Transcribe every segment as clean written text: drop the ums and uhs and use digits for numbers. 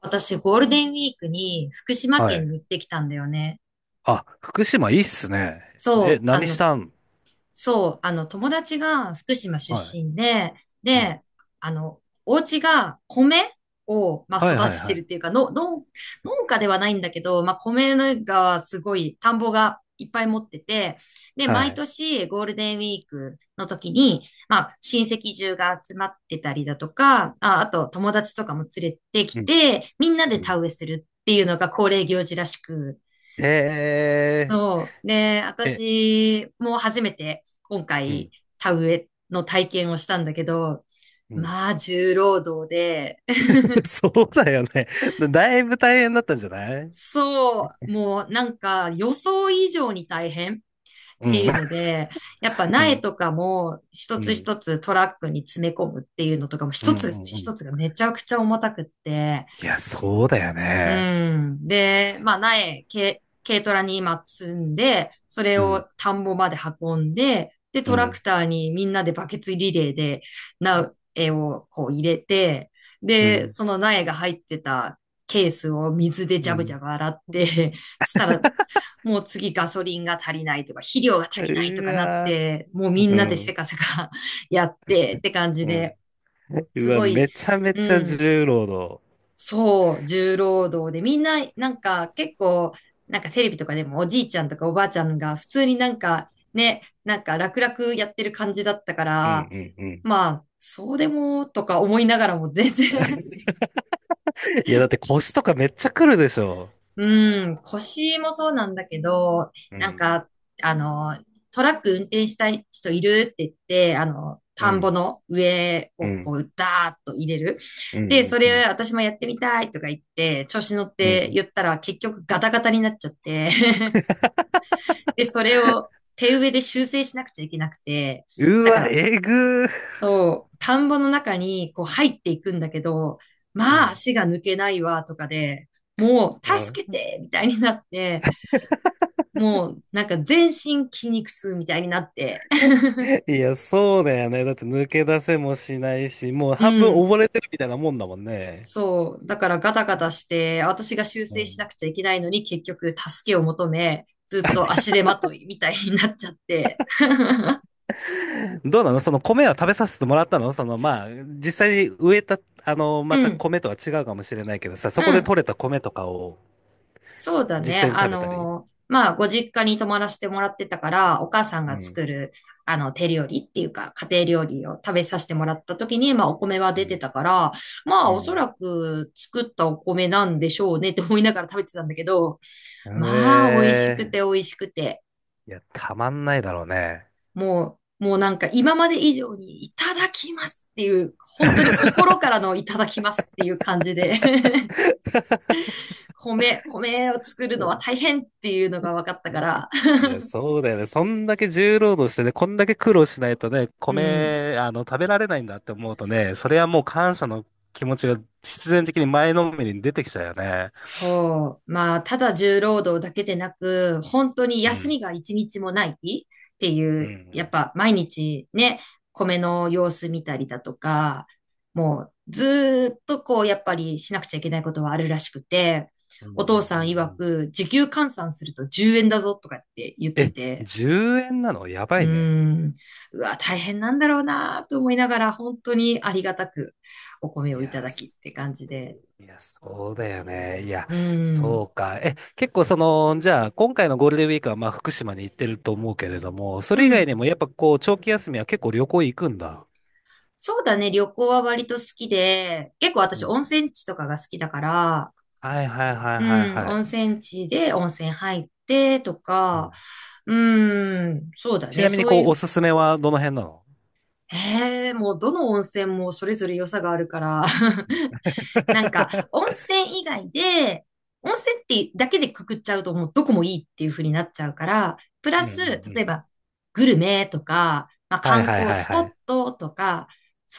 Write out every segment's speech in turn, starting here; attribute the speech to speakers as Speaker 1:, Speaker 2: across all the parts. Speaker 1: 私、ゴールデンウィークに福島
Speaker 2: は
Speaker 1: 県
Speaker 2: い。
Speaker 1: に行ってきたんだよね。
Speaker 2: あ、福島いいっすね。え、
Speaker 1: そう、あ
Speaker 2: 何し
Speaker 1: の、
Speaker 2: たん？
Speaker 1: そう、友達が福島出
Speaker 2: はい。
Speaker 1: 身で、
Speaker 2: うん。
Speaker 1: で、あの、お家が米を、まあ、
Speaker 2: は
Speaker 1: 育
Speaker 2: いはい
Speaker 1: てて
Speaker 2: は
Speaker 1: るっ
Speaker 2: い。
Speaker 1: ていうか、農家ではないんだけど、まあ、米がすごい、田んぼがいっぱい持ってて、で、
Speaker 2: は
Speaker 1: 毎
Speaker 2: い。
Speaker 1: 年ゴールデンウィークの時に、まあ、親戚中が集まってたりだとか、あ、あと友達とかも連れてき
Speaker 2: うん。
Speaker 1: て、みんな
Speaker 2: う
Speaker 1: で
Speaker 2: ん。
Speaker 1: 田植えするっていうのが恒例行事らしく、
Speaker 2: へえ、
Speaker 1: そう。で、
Speaker 2: え、
Speaker 1: 私も初めて今
Speaker 2: う
Speaker 1: 回
Speaker 2: ん。
Speaker 1: 田植えの体験をしたんだけど、
Speaker 2: うん。
Speaker 1: まあ重労働で、
Speaker 2: そうだよね。だいぶ大変だったんじゃない？
Speaker 1: そう、もうなんか予想以上に大変っ
Speaker 2: う
Speaker 1: て
Speaker 2: ん。
Speaker 1: いうので、やっぱ
Speaker 2: う
Speaker 1: 苗
Speaker 2: ん。
Speaker 1: とかも一
Speaker 2: う
Speaker 1: つ
Speaker 2: ん。
Speaker 1: 一つトラックに詰め込むっていうのとかも
Speaker 2: う
Speaker 1: 一つ
Speaker 2: ん。うん。
Speaker 1: 一つがめちゃくちゃ重たくって、
Speaker 2: いや、そうだよ
Speaker 1: う
Speaker 2: ね。
Speaker 1: ん。で、まあ、軽トラに今積んで、それ
Speaker 2: うん。
Speaker 1: を田んぼまで運んで、で、
Speaker 2: う
Speaker 1: トラ
Speaker 2: ん。
Speaker 1: クターにみんなでバケツリレーで苗をこう入れて、
Speaker 2: う
Speaker 1: で、
Speaker 2: ん。
Speaker 1: その苗が入ってたケースを水でジ
Speaker 2: う
Speaker 1: ャブジ
Speaker 2: ん。
Speaker 1: ャブ洗って、したら、もう次ガソリンが足りないとか、肥料が
Speaker 2: う
Speaker 1: 足りないとかなっ
Speaker 2: わ
Speaker 1: て、もうみ
Speaker 2: ー、
Speaker 1: ん
Speaker 2: う
Speaker 1: なでせ
Speaker 2: ん。
Speaker 1: かせか やってって感じ
Speaker 2: うん。
Speaker 1: で、
Speaker 2: う
Speaker 1: す
Speaker 2: わ、
Speaker 1: ごい、
Speaker 2: めちゃめ
Speaker 1: う
Speaker 2: ちゃ
Speaker 1: ん。
Speaker 2: 重労働。
Speaker 1: そう、重労働で、みんな、なんか結構、なんかテレビとかでもおじいちゃんとかおばあちゃんが普通になんかね、なんか楽々やってる感じだったか
Speaker 2: うん
Speaker 1: ら、
Speaker 2: うんうん。
Speaker 1: まあ、そうでもとか思いながらも全然。
Speaker 2: いや、だって腰とかめっちゃくるでしょ。
Speaker 1: うん、腰もそうなんだけど、
Speaker 2: う
Speaker 1: なん
Speaker 2: ん。
Speaker 1: か、あの、トラック運転したい人いるって言って、
Speaker 2: う
Speaker 1: 田んぼ
Speaker 2: ん、
Speaker 1: の上
Speaker 2: う
Speaker 1: をこ
Speaker 2: ん、
Speaker 1: う、ダーッと入れる。
Speaker 2: うん、
Speaker 1: で、
Speaker 2: う
Speaker 1: そ
Speaker 2: ん、うん。
Speaker 1: れ私もやってみたいとか言って、調子乗っ
Speaker 2: う
Speaker 1: て
Speaker 2: ん。
Speaker 1: 言ったら結局ガタガタになっちゃって、で、それを手植えで修正しなくちゃいけなくて、
Speaker 2: う
Speaker 1: だか
Speaker 2: わ、
Speaker 1: ら、
Speaker 2: えぐー。
Speaker 1: そう、田んぼの中にこう入っていくんだけど、
Speaker 2: う
Speaker 1: まあ
Speaker 2: ん。
Speaker 1: 足が抜けないわとかで、もう
Speaker 2: うん。
Speaker 1: 助けてみたいになって、もう、なんか全身筋肉痛みたいになって。
Speaker 2: いや、そうだよね。だって抜け出せもしないし、もう
Speaker 1: う
Speaker 2: 半分
Speaker 1: ん。
Speaker 2: 溺れてるみたいなもんだもんね。
Speaker 1: そう。だからガタガタして、私が修
Speaker 2: う
Speaker 1: 正しな
Speaker 2: ん。
Speaker 1: くちゃいけないのに結局助けを求め、ずっと足手まといみたいになっちゃって。
Speaker 2: どうなのその米は食べさせてもらったのその、まあ、実際に植えた、
Speaker 1: う
Speaker 2: また
Speaker 1: ん。
Speaker 2: 米とは違うかもしれないけどさ、
Speaker 1: う
Speaker 2: そこで
Speaker 1: ん。
Speaker 2: 採れた米とかを
Speaker 1: そうだね。
Speaker 2: 実際に食べたり。
Speaker 1: まあ、ご実家に泊まらせてもらってたから、お母さん
Speaker 2: う
Speaker 1: が
Speaker 2: ん、
Speaker 1: 作る、手料理っていうか、家庭料理を食べさせてもらった時に、まあ、お米は
Speaker 2: う
Speaker 1: 出て
Speaker 2: ん、
Speaker 1: たから、まあ、
Speaker 2: う
Speaker 1: おそ
Speaker 2: ん。
Speaker 1: らく作ったお米なんでしょうねって思いながら食べてたんだけど、
Speaker 2: う
Speaker 1: まあ、美味し
Speaker 2: え
Speaker 1: くて美
Speaker 2: ー。
Speaker 1: 味しくて、
Speaker 2: いや、たまんないだろうね。
Speaker 1: もう、もうなんか今まで以上にいただきますっていう、本当に心からのいただきますっていう感じで、 米、米を作るの
Speaker 2: そ
Speaker 1: は大変っていうのが分かったから、
Speaker 2: いや、そうだよね。そんだけ重労働してね、こんだけ苦労しないとね、
Speaker 1: うん。
Speaker 2: 米、食べられないんだって思うとね、それはもう感謝の気持ちが必然的に前のめりに出てきちゃうよね。
Speaker 1: そう。まあ、ただ重労働だけでなく、本当に
Speaker 2: う
Speaker 1: 休
Speaker 2: ん。
Speaker 1: みが一日もないってい
Speaker 2: う
Speaker 1: う、やっ
Speaker 2: ん。
Speaker 1: ぱ毎日ね、米の様子見たりだとか、もうずーっとこう、やっぱりしなくちゃいけないことはあるらしくて、
Speaker 2: うんう
Speaker 1: お
Speaker 2: ん
Speaker 1: 父
Speaker 2: う
Speaker 1: さん
Speaker 2: んう
Speaker 1: 曰
Speaker 2: ん。
Speaker 1: く、時給換算すると10円だぞとかって言って
Speaker 2: え、
Speaker 1: て、
Speaker 2: 10円なのや
Speaker 1: う
Speaker 2: ば
Speaker 1: ー
Speaker 2: いね。
Speaker 1: ん、うわ、大変なんだろうなと思いながら、本当にありがたくお米
Speaker 2: い
Speaker 1: をいた
Speaker 2: や、
Speaker 1: だきっ
Speaker 2: す
Speaker 1: て感じで、
Speaker 2: いや、そうだよね。いや、
Speaker 1: うー
Speaker 2: そ
Speaker 1: ん、
Speaker 2: うか。え、結構その、じゃあ、今回のゴールデンウィークはまあ福島に行ってると思うけれども、それ以
Speaker 1: う
Speaker 2: 外
Speaker 1: ん。
Speaker 2: にもやっぱこう、長期休みは結構旅行行くんだ。
Speaker 1: そうだね、旅行は割と好きで、結構
Speaker 2: う
Speaker 1: 私
Speaker 2: ん。
Speaker 1: 温泉地とかが好きだから、
Speaker 2: はいはいはいはい
Speaker 1: うん、
Speaker 2: は
Speaker 1: 温
Speaker 2: い。
Speaker 1: 泉地で温泉入ってと
Speaker 2: う
Speaker 1: か、
Speaker 2: ん。
Speaker 1: うん、そうだ
Speaker 2: ち
Speaker 1: ね、
Speaker 2: なみに、
Speaker 1: そう
Speaker 2: こ
Speaker 1: い
Speaker 2: う、お
Speaker 1: う、
Speaker 2: すすめはどの辺なの？
Speaker 1: ええ、もうどの温泉もそれぞれ良さがあるから、なんか、温 泉以外で、温泉ってだけでくくっちゃうともうどこもいいっていう風になっちゃうから、プ
Speaker 2: う
Speaker 1: ラ
Speaker 2: んうん
Speaker 1: ス、例
Speaker 2: う
Speaker 1: え
Speaker 2: ん。
Speaker 1: ば、グルメとか、まあ、
Speaker 2: はい
Speaker 1: 観
Speaker 2: はい
Speaker 1: 光
Speaker 2: はい
Speaker 1: スポ
Speaker 2: は
Speaker 1: ッ
Speaker 2: い。
Speaker 1: トとか、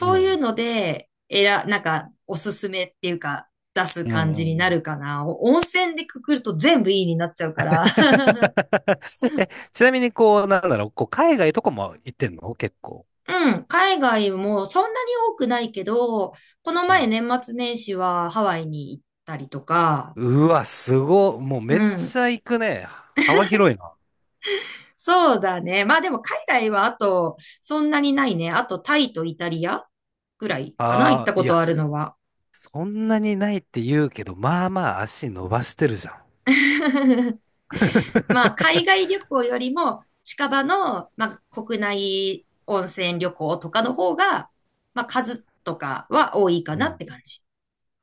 Speaker 2: う
Speaker 1: ういう
Speaker 2: ん。
Speaker 1: ので、なんか、おすすめっていうか、出す
Speaker 2: うん
Speaker 1: 感
Speaker 2: う
Speaker 1: じ
Speaker 2: んう
Speaker 1: にな
Speaker 2: ん。
Speaker 1: るかな。お温泉でくくると全部いいになっちゃうから。
Speaker 2: え、ちなみに、こう、なんだろう、こう、海外とかも行ってんの結構。
Speaker 1: うん、海外もそんなに多くないけど、この
Speaker 2: う
Speaker 1: 前
Speaker 2: ん。
Speaker 1: 年末年始はハワイに行ったりとか、
Speaker 2: うわ、すご、もう
Speaker 1: う
Speaker 2: めっ
Speaker 1: ん。
Speaker 2: ちゃ行くね。幅広いな。
Speaker 1: そうだね。まあでも海外はあと、そんなにないね。あとタイとイタリアぐらいかな、行っ
Speaker 2: ああ、
Speaker 1: たこ
Speaker 2: い
Speaker 1: と
Speaker 2: や、
Speaker 1: あるのは。
Speaker 2: そんなにないって言うけど、まあまあ足伸ばしてるじゃん。
Speaker 1: まあ海 外旅行よりも近場の、まあ、国内温泉旅行とかの方が、まあ数とかは多いか
Speaker 2: う
Speaker 1: なっ
Speaker 2: ん。
Speaker 1: て感じ。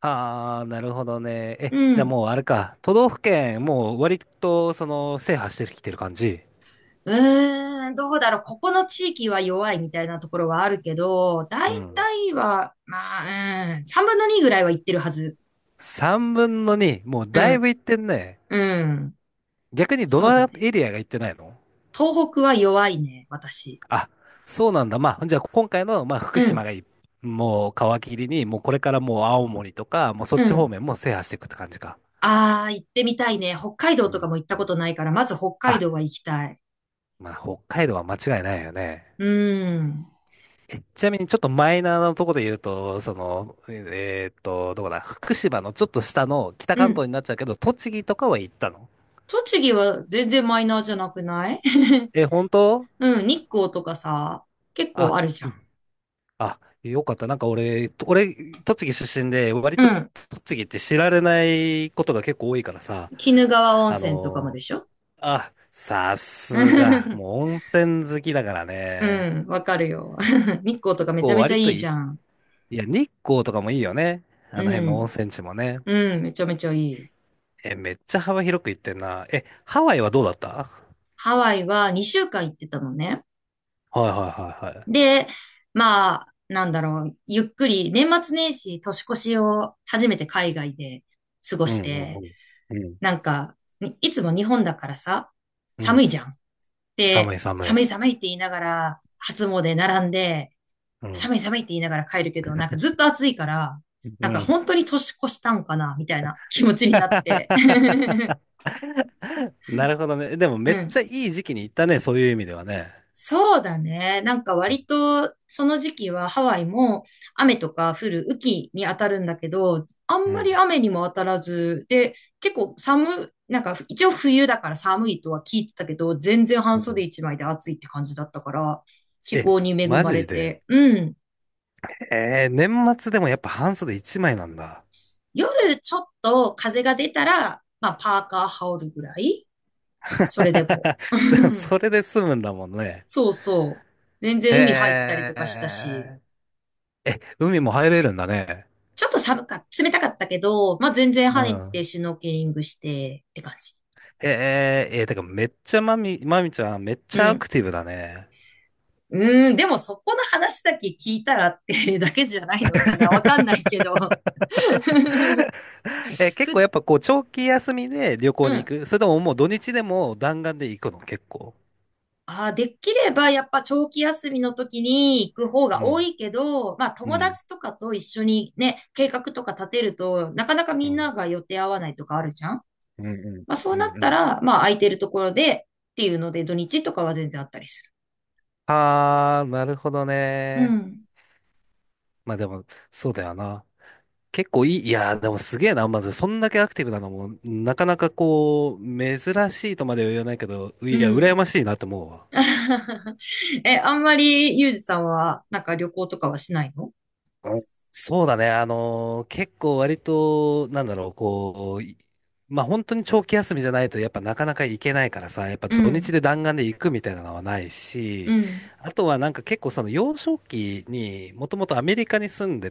Speaker 2: ああ、なるほどね。え、
Speaker 1: う
Speaker 2: じゃあ
Speaker 1: ん。
Speaker 2: もうあれか。都道府県、もう割と、その、制覇してきてる感じ。
Speaker 1: うーん、どうだろう。ここの地域は弱いみたいなところはあるけど、大
Speaker 2: うん。
Speaker 1: 体は、まあ、うん、3分の2ぐらいは行ってるはず。
Speaker 2: 3分の2。もう
Speaker 1: う
Speaker 2: だい
Speaker 1: ん、
Speaker 2: ぶ行ってんね。
Speaker 1: うん。
Speaker 2: 逆にど
Speaker 1: そう
Speaker 2: の
Speaker 1: だね。
Speaker 2: エリアが行ってないの？
Speaker 1: 東北は弱いね、私。
Speaker 2: あ、そうなんだ。まあ、じゃあ今回の、まあ、
Speaker 1: う
Speaker 2: 福島
Speaker 1: ん、
Speaker 2: がいい、もう皮切りに、もうこれからもう青森とか、もうそ
Speaker 1: う
Speaker 2: っち方
Speaker 1: ん。
Speaker 2: 面も制覇していくって感じか。
Speaker 1: あー、行ってみたいね。北海道
Speaker 2: う
Speaker 1: とか
Speaker 2: ん。
Speaker 1: も行ったことないから、まず北海
Speaker 2: あ、
Speaker 1: 道は行きたい。
Speaker 2: まあ、北海道は間違いないよね。
Speaker 1: うん。
Speaker 2: ちなみにちょっとマイナーなところで言うと、その、どこだ、福島のちょっと下の北
Speaker 1: う
Speaker 2: 関東
Speaker 1: ん。
Speaker 2: になっちゃうけど、栃木とかは行ったの？
Speaker 1: 栃木は全然マイナーじゃなくない？
Speaker 2: え、本当？
Speaker 1: うん、日光とかさ、結構
Speaker 2: あ、
Speaker 1: あるじゃ
Speaker 2: う
Speaker 1: ん。
Speaker 2: ん。あ、よかった。なんか俺、栃木出身で、割
Speaker 1: う
Speaker 2: と
Speaker 1: ん。
Speaker 2: 栃木って知られないことが結構多いからさ、
Speaker 1: 鬼怒川温
Speaker 2: あ
Speaker 1: 泉とかも
Speaker 2: の、
Speaker 1: でしょ？
Speaker 2: あ、さすが、もう温泉好きだから
Speaker 1: う
Speaker 2: ね。
Speaker 1: ん、わかるよ。日光とかめち
Speaker 2: こ
Speaker 1: ゃ
Speaker 2: う
Speaker 1: めちゃ
Speaker 2: 割
Speaker 1: い
Speaker 2: と
Speaker 1: い
Speaker 2: い
Speaker 1: じ
Speaker 2: い、
Speaker 1: ゃん。
Speaker 2: いや、日光とかもいいよね。
Speaker 1: う
Speaker 2: あの辺の温
Speaker 1: ん。
Speaker 2: 泉地もね。
Speaker 1: うん、めちゃめちゃいい。
Speaker 2: え、めっちゃ幅広く行ってんな。え、ハワイはどうだった？
Speaker 1: ハワイは2週間行ってたのね。
Speaker 2: はいはいはいはい。
Speaker 1: で、まあ、なんだろう、ゆっくり、年末年始、年越しを初めて海外で過ご
Speaker 2: う
Speaker 1: し
Speaker 2: んう
Speaker 1: て、
Speaker 2: んうん。
Speaker 1: なんか、にいつも日本だからさ、
Speaker 2: うん。う
Speaker 1: 寒い
Speaker 2: ん。
Speaker 1: じゃん。
Speaker 2: 寒
Speaker 1: で、
Speaker 2: い寒い。
Speaker 1: 寒い寒いって言いながら、初詣並んで、
Speaker 2: うん。
Speaker 1: 寒い寒いって言いながら帰るけど、なんかずっと暑いから、
Speaker 2: う
Speaker 1: なんか
Speaker 2: ん。
Speaker 1: 本当に年越したんかな、みたいな気持ちになって。
Speaker 2: なるほどね。でも
Speaker 1: う
Speaker 2: めっち
Speaker 1: ん。
Speaker 2: ゃいい時期に行ったね、そういう意味ではね。
Speaker 1: そうだね。なんか割とその時期はハワイも雨とか降る雨季に当たるんだけど、あ
Speaker 2: う
Speaker 1: んまり
Speaker 2: ん。
Speaker 1: 雨にも当たらず、で、結構寒、なんか一応冬だから寒いとは聞いてたけど、全然
Speaker 2: う
Speaker 1: 半袖
Speaker 2: ん。
Speaker 1: 一枚で暑いって感じだったから、気
Speaker 2: え、
Speaker 1: 候に恵
Speaker 2: マ
Speaker 1: まれ
Speaker 2: ジで。
Speaker 1: て、うん。
Speaker 2: えー、年末でもやっぱ半袖一枚なんだ。
Speaker 1: 夜ちょっと風が出たら、まあパーカー羽織るぐらいそれでも。
Speaker 2: でも それで済むんだもんね。
Speaker 1: そうそう。全
Speaker 2: へ
Speaker 1: 然海入ったりとかしたし。
Speaker 2: え。え、海も入れるんだね。
Speaker 1: ちょっと寒か、冷たかったけど、まあ、全然
Speaker 2: う
Speaker 1: 入って
Speaker 2: ん。
Speaker 1: シュノーケリングしてって感じ。
Speaker 2: えええー、てかめっちゃまみ、まみちゃんめっ
Speaker 1: う
Speaker 2: ちゃア
Speaker 1: ん。
Speaker 2: クティブだね。
Speaker 1: うーん、でもそこの話だけ聞いたらってだけじゃないのかなわかんないけど。
Speaker 2: え結構
Speaker 1: ふ、
Speaker 2: やっぱこう長期休みで旅行
Speaker 1: う
Speaker 2: に行
Speaker 1: ん。
Speaker 2: くそれとももう土日でも弾丸で行くの結構。
Speaker 1: あー、できればやっぱ長期休みの時に行く方が
Speaker 2: う
Speaker 1: 多
Speaker 2: ん、
Speaker 1: いけど、まあ
Speaker 2: う
Speaker 1: 友
Speaker 2: ん、
Speaker 1: 達とかと一緒にね、計画とか立てると、なかなか
Speaker 2: う
Speaker 1: みんな
Speaker 2: ん、
Speaker 1: が予定合わないとかあるじゃん。
Speaker 2: うん、う
Speaker 1: まあそう
Speaker 2: ん、う
Speaker 1: なっ
Speaker 2: ん。う
Speaker 1: た
Speaker 2: ん。
Speaker 1: ら、まあ空いてるところでっていうので土日とかは全然あったりす
Speaker 2: ああ、なるほど
Speaker 1: る。う
Speaker 2: ね。
Speaker 1: ん。
Speaker 2: まあでも、そうだよな。結構いい、いやー、でもすげえな。まず、そんだけアクティブなのも、なかなかこう、珍しいとまでは言わないけど、
Speaker 1: う
Speaker 2: いや、羨
Speaker 1: ん。
Speaker 2: ましいなって思うわ。
Speaker 1: え、あんまりユージさんはなんか旅行とかはしないの？
Speaker 2: あ、そうだね。結構割と、なんだろう、こう、まあ本当に長期休みじゃないと、やっぱなかなか行けないからさ、やっぱ
Speaker 1: う
Speaker 2: 土
Speaker 1: ん、
Speaker 2: 日で弾丸で行くみたいなのはない
Speaker 1: う
Speaker 2: し、
Speaker 1: ん、
Speaker 2: あとはなんか結構その幼少期にもともとアメリカに住んで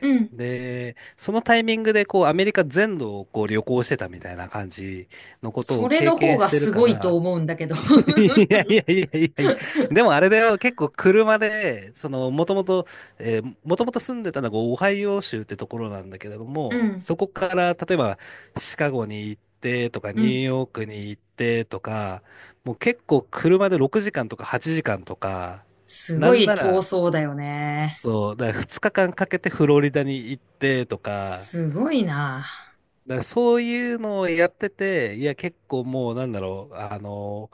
Speaker 1: うん、
Speaker 2: で、そのタイミングでこうアメリカ全土をこう旅行してたみたいな感じのこと
Speaker 1: そ
Speaker 2: を
Speaker 1: れ
Speaker 2: 経
Speaker 1: の方
Speaker 2: 験
Speaker 1: が
Speaker 2: してる
Speaker 1: す
Speaker 2: か
Speaker 1: ごいと
Speaker 2: ら、
Speaker 1: 思うんだけど。
Speaker 2: いやいやいやいやいや。でもあれだよ、結構車で、その、もともと、もともと住んでたのがオハイオ州ってところなんだけれど
Speaker 1: う
Speaker 2: も、
Speaker 1: ん、
Speaker 2: そこから、例えば、シカゴに行ってとか、
Speaker 1: う
Speaker 2: ニュー
Speaker 1: ん、
Speaker 2: ヨークに行ってとか、もう結構車で6時間とか8時間とか、
Speaker 1: す
Speaker 2: な
Speaker 1: ご
Speaker 2: ん
Speaker 1: い
Speaker 2: な
Speaker 1: 遠
Speaker 2: ら、
Speaker 1: そうだよね。
Speaker 2: そう、だから2日間かけてフロリダに行ってとか、
Speaker 1: すごいな。
Speaker 2: だからそういうのをやってて、いや結構もうなんだろう、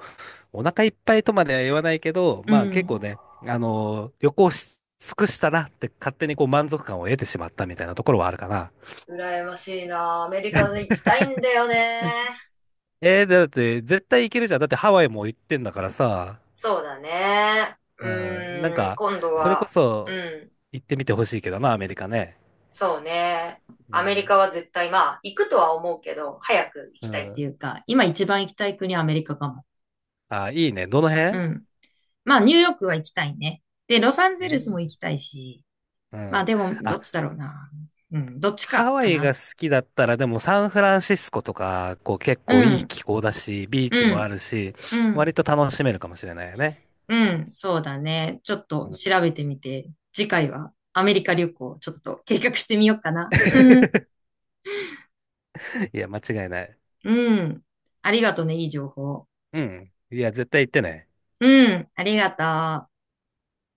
Speaker 2: お腹いっぱいとまでは言わないけど、
Speaker 1: う
Speaker 2: まあ結構
Speaker 1: ん。
Speaker 2: ね、旅行し尽くしたなって勝手にこう満足感を得てしまったみたいなところはあるかな。
Speaker 1: 羨ましいな。アメリカに行きたいんだよね。
Speaker 2: えー、だって絶対行けるじゃん。だってハワイも行ってんだからさ。
Speaker 1: そうだね。う
Speaker 2: うん、なん
Speaker 1: ーん、
Speaker 2: か、
Speaker 1: 今度
Speaker 2: それこ
Speaker 1: は、う
Speaker 2: そ
Speaker 1: ん。
Speaker 2: 行ってみてほしいけどな、アメリカね。
Speaker 1: そうね。
Speaker 2: う
Speaker 1: アメリ
Speaker 2: ん。
Speaker 1: カは絶対、まあ、行くとは思うけど、早く行
Speaker 2: う
Speaker 1: きたい。ってい
Speaker 2: ん。
Speaker 1: うか、今一番行きたい国はアメリカかも。
Speaker 2: あ、いいね。どの
Speaker 1: う
Speaker 2: 辺？
Speaker 1: ん。まあ、ニューヨークは行きたいね。で、ロサンゼ
Speaker 2: い
Speaker 1: ルス
Speaker 2: い。
Speaker 1: も行きたいし。
Speaker 2: う
Speaker 1: まあ、
Speaker 2: ん。
Speaker 1: でも、ど
Speaker 2: あ、
Speaker 1: っちだろうな。うん、どっち
Speaker 2: ハ
Speaker 1: か、
Speaker 2: ワ
Speaker 1: か
Speaker 2: イが
Speaker 1: な。
Speaker 2: 好きだったら、でもサンフランシスコとか、こう結
Speaker 1: う
Speaker 2: 構いい
Speaker 1: ん、
Speaker 2: 気候だし、ビーチ
Speaker 1: う
Speaker 2: もあ
Speaker 1: ん、
Speaker 2: るし、
Speaker 1: うん、
Speaker 2: 割と楽しめるかもしれないよね。
Speaker 1: うん、そうだね。ちょっ
Speaker 2: う
Speaker 1: と
Speaker 2: ん。
Speaker 1: 調べてみて、次回はアメリカ旅行、ちょっと計画してみようかな。
Speaker 2: いや、間違いない。
Speaker 1: うん、ありがとね、いい情報。
Speaker 2: うん。いや、絶対行ってね。
Speaker 1: うん、ありがとう。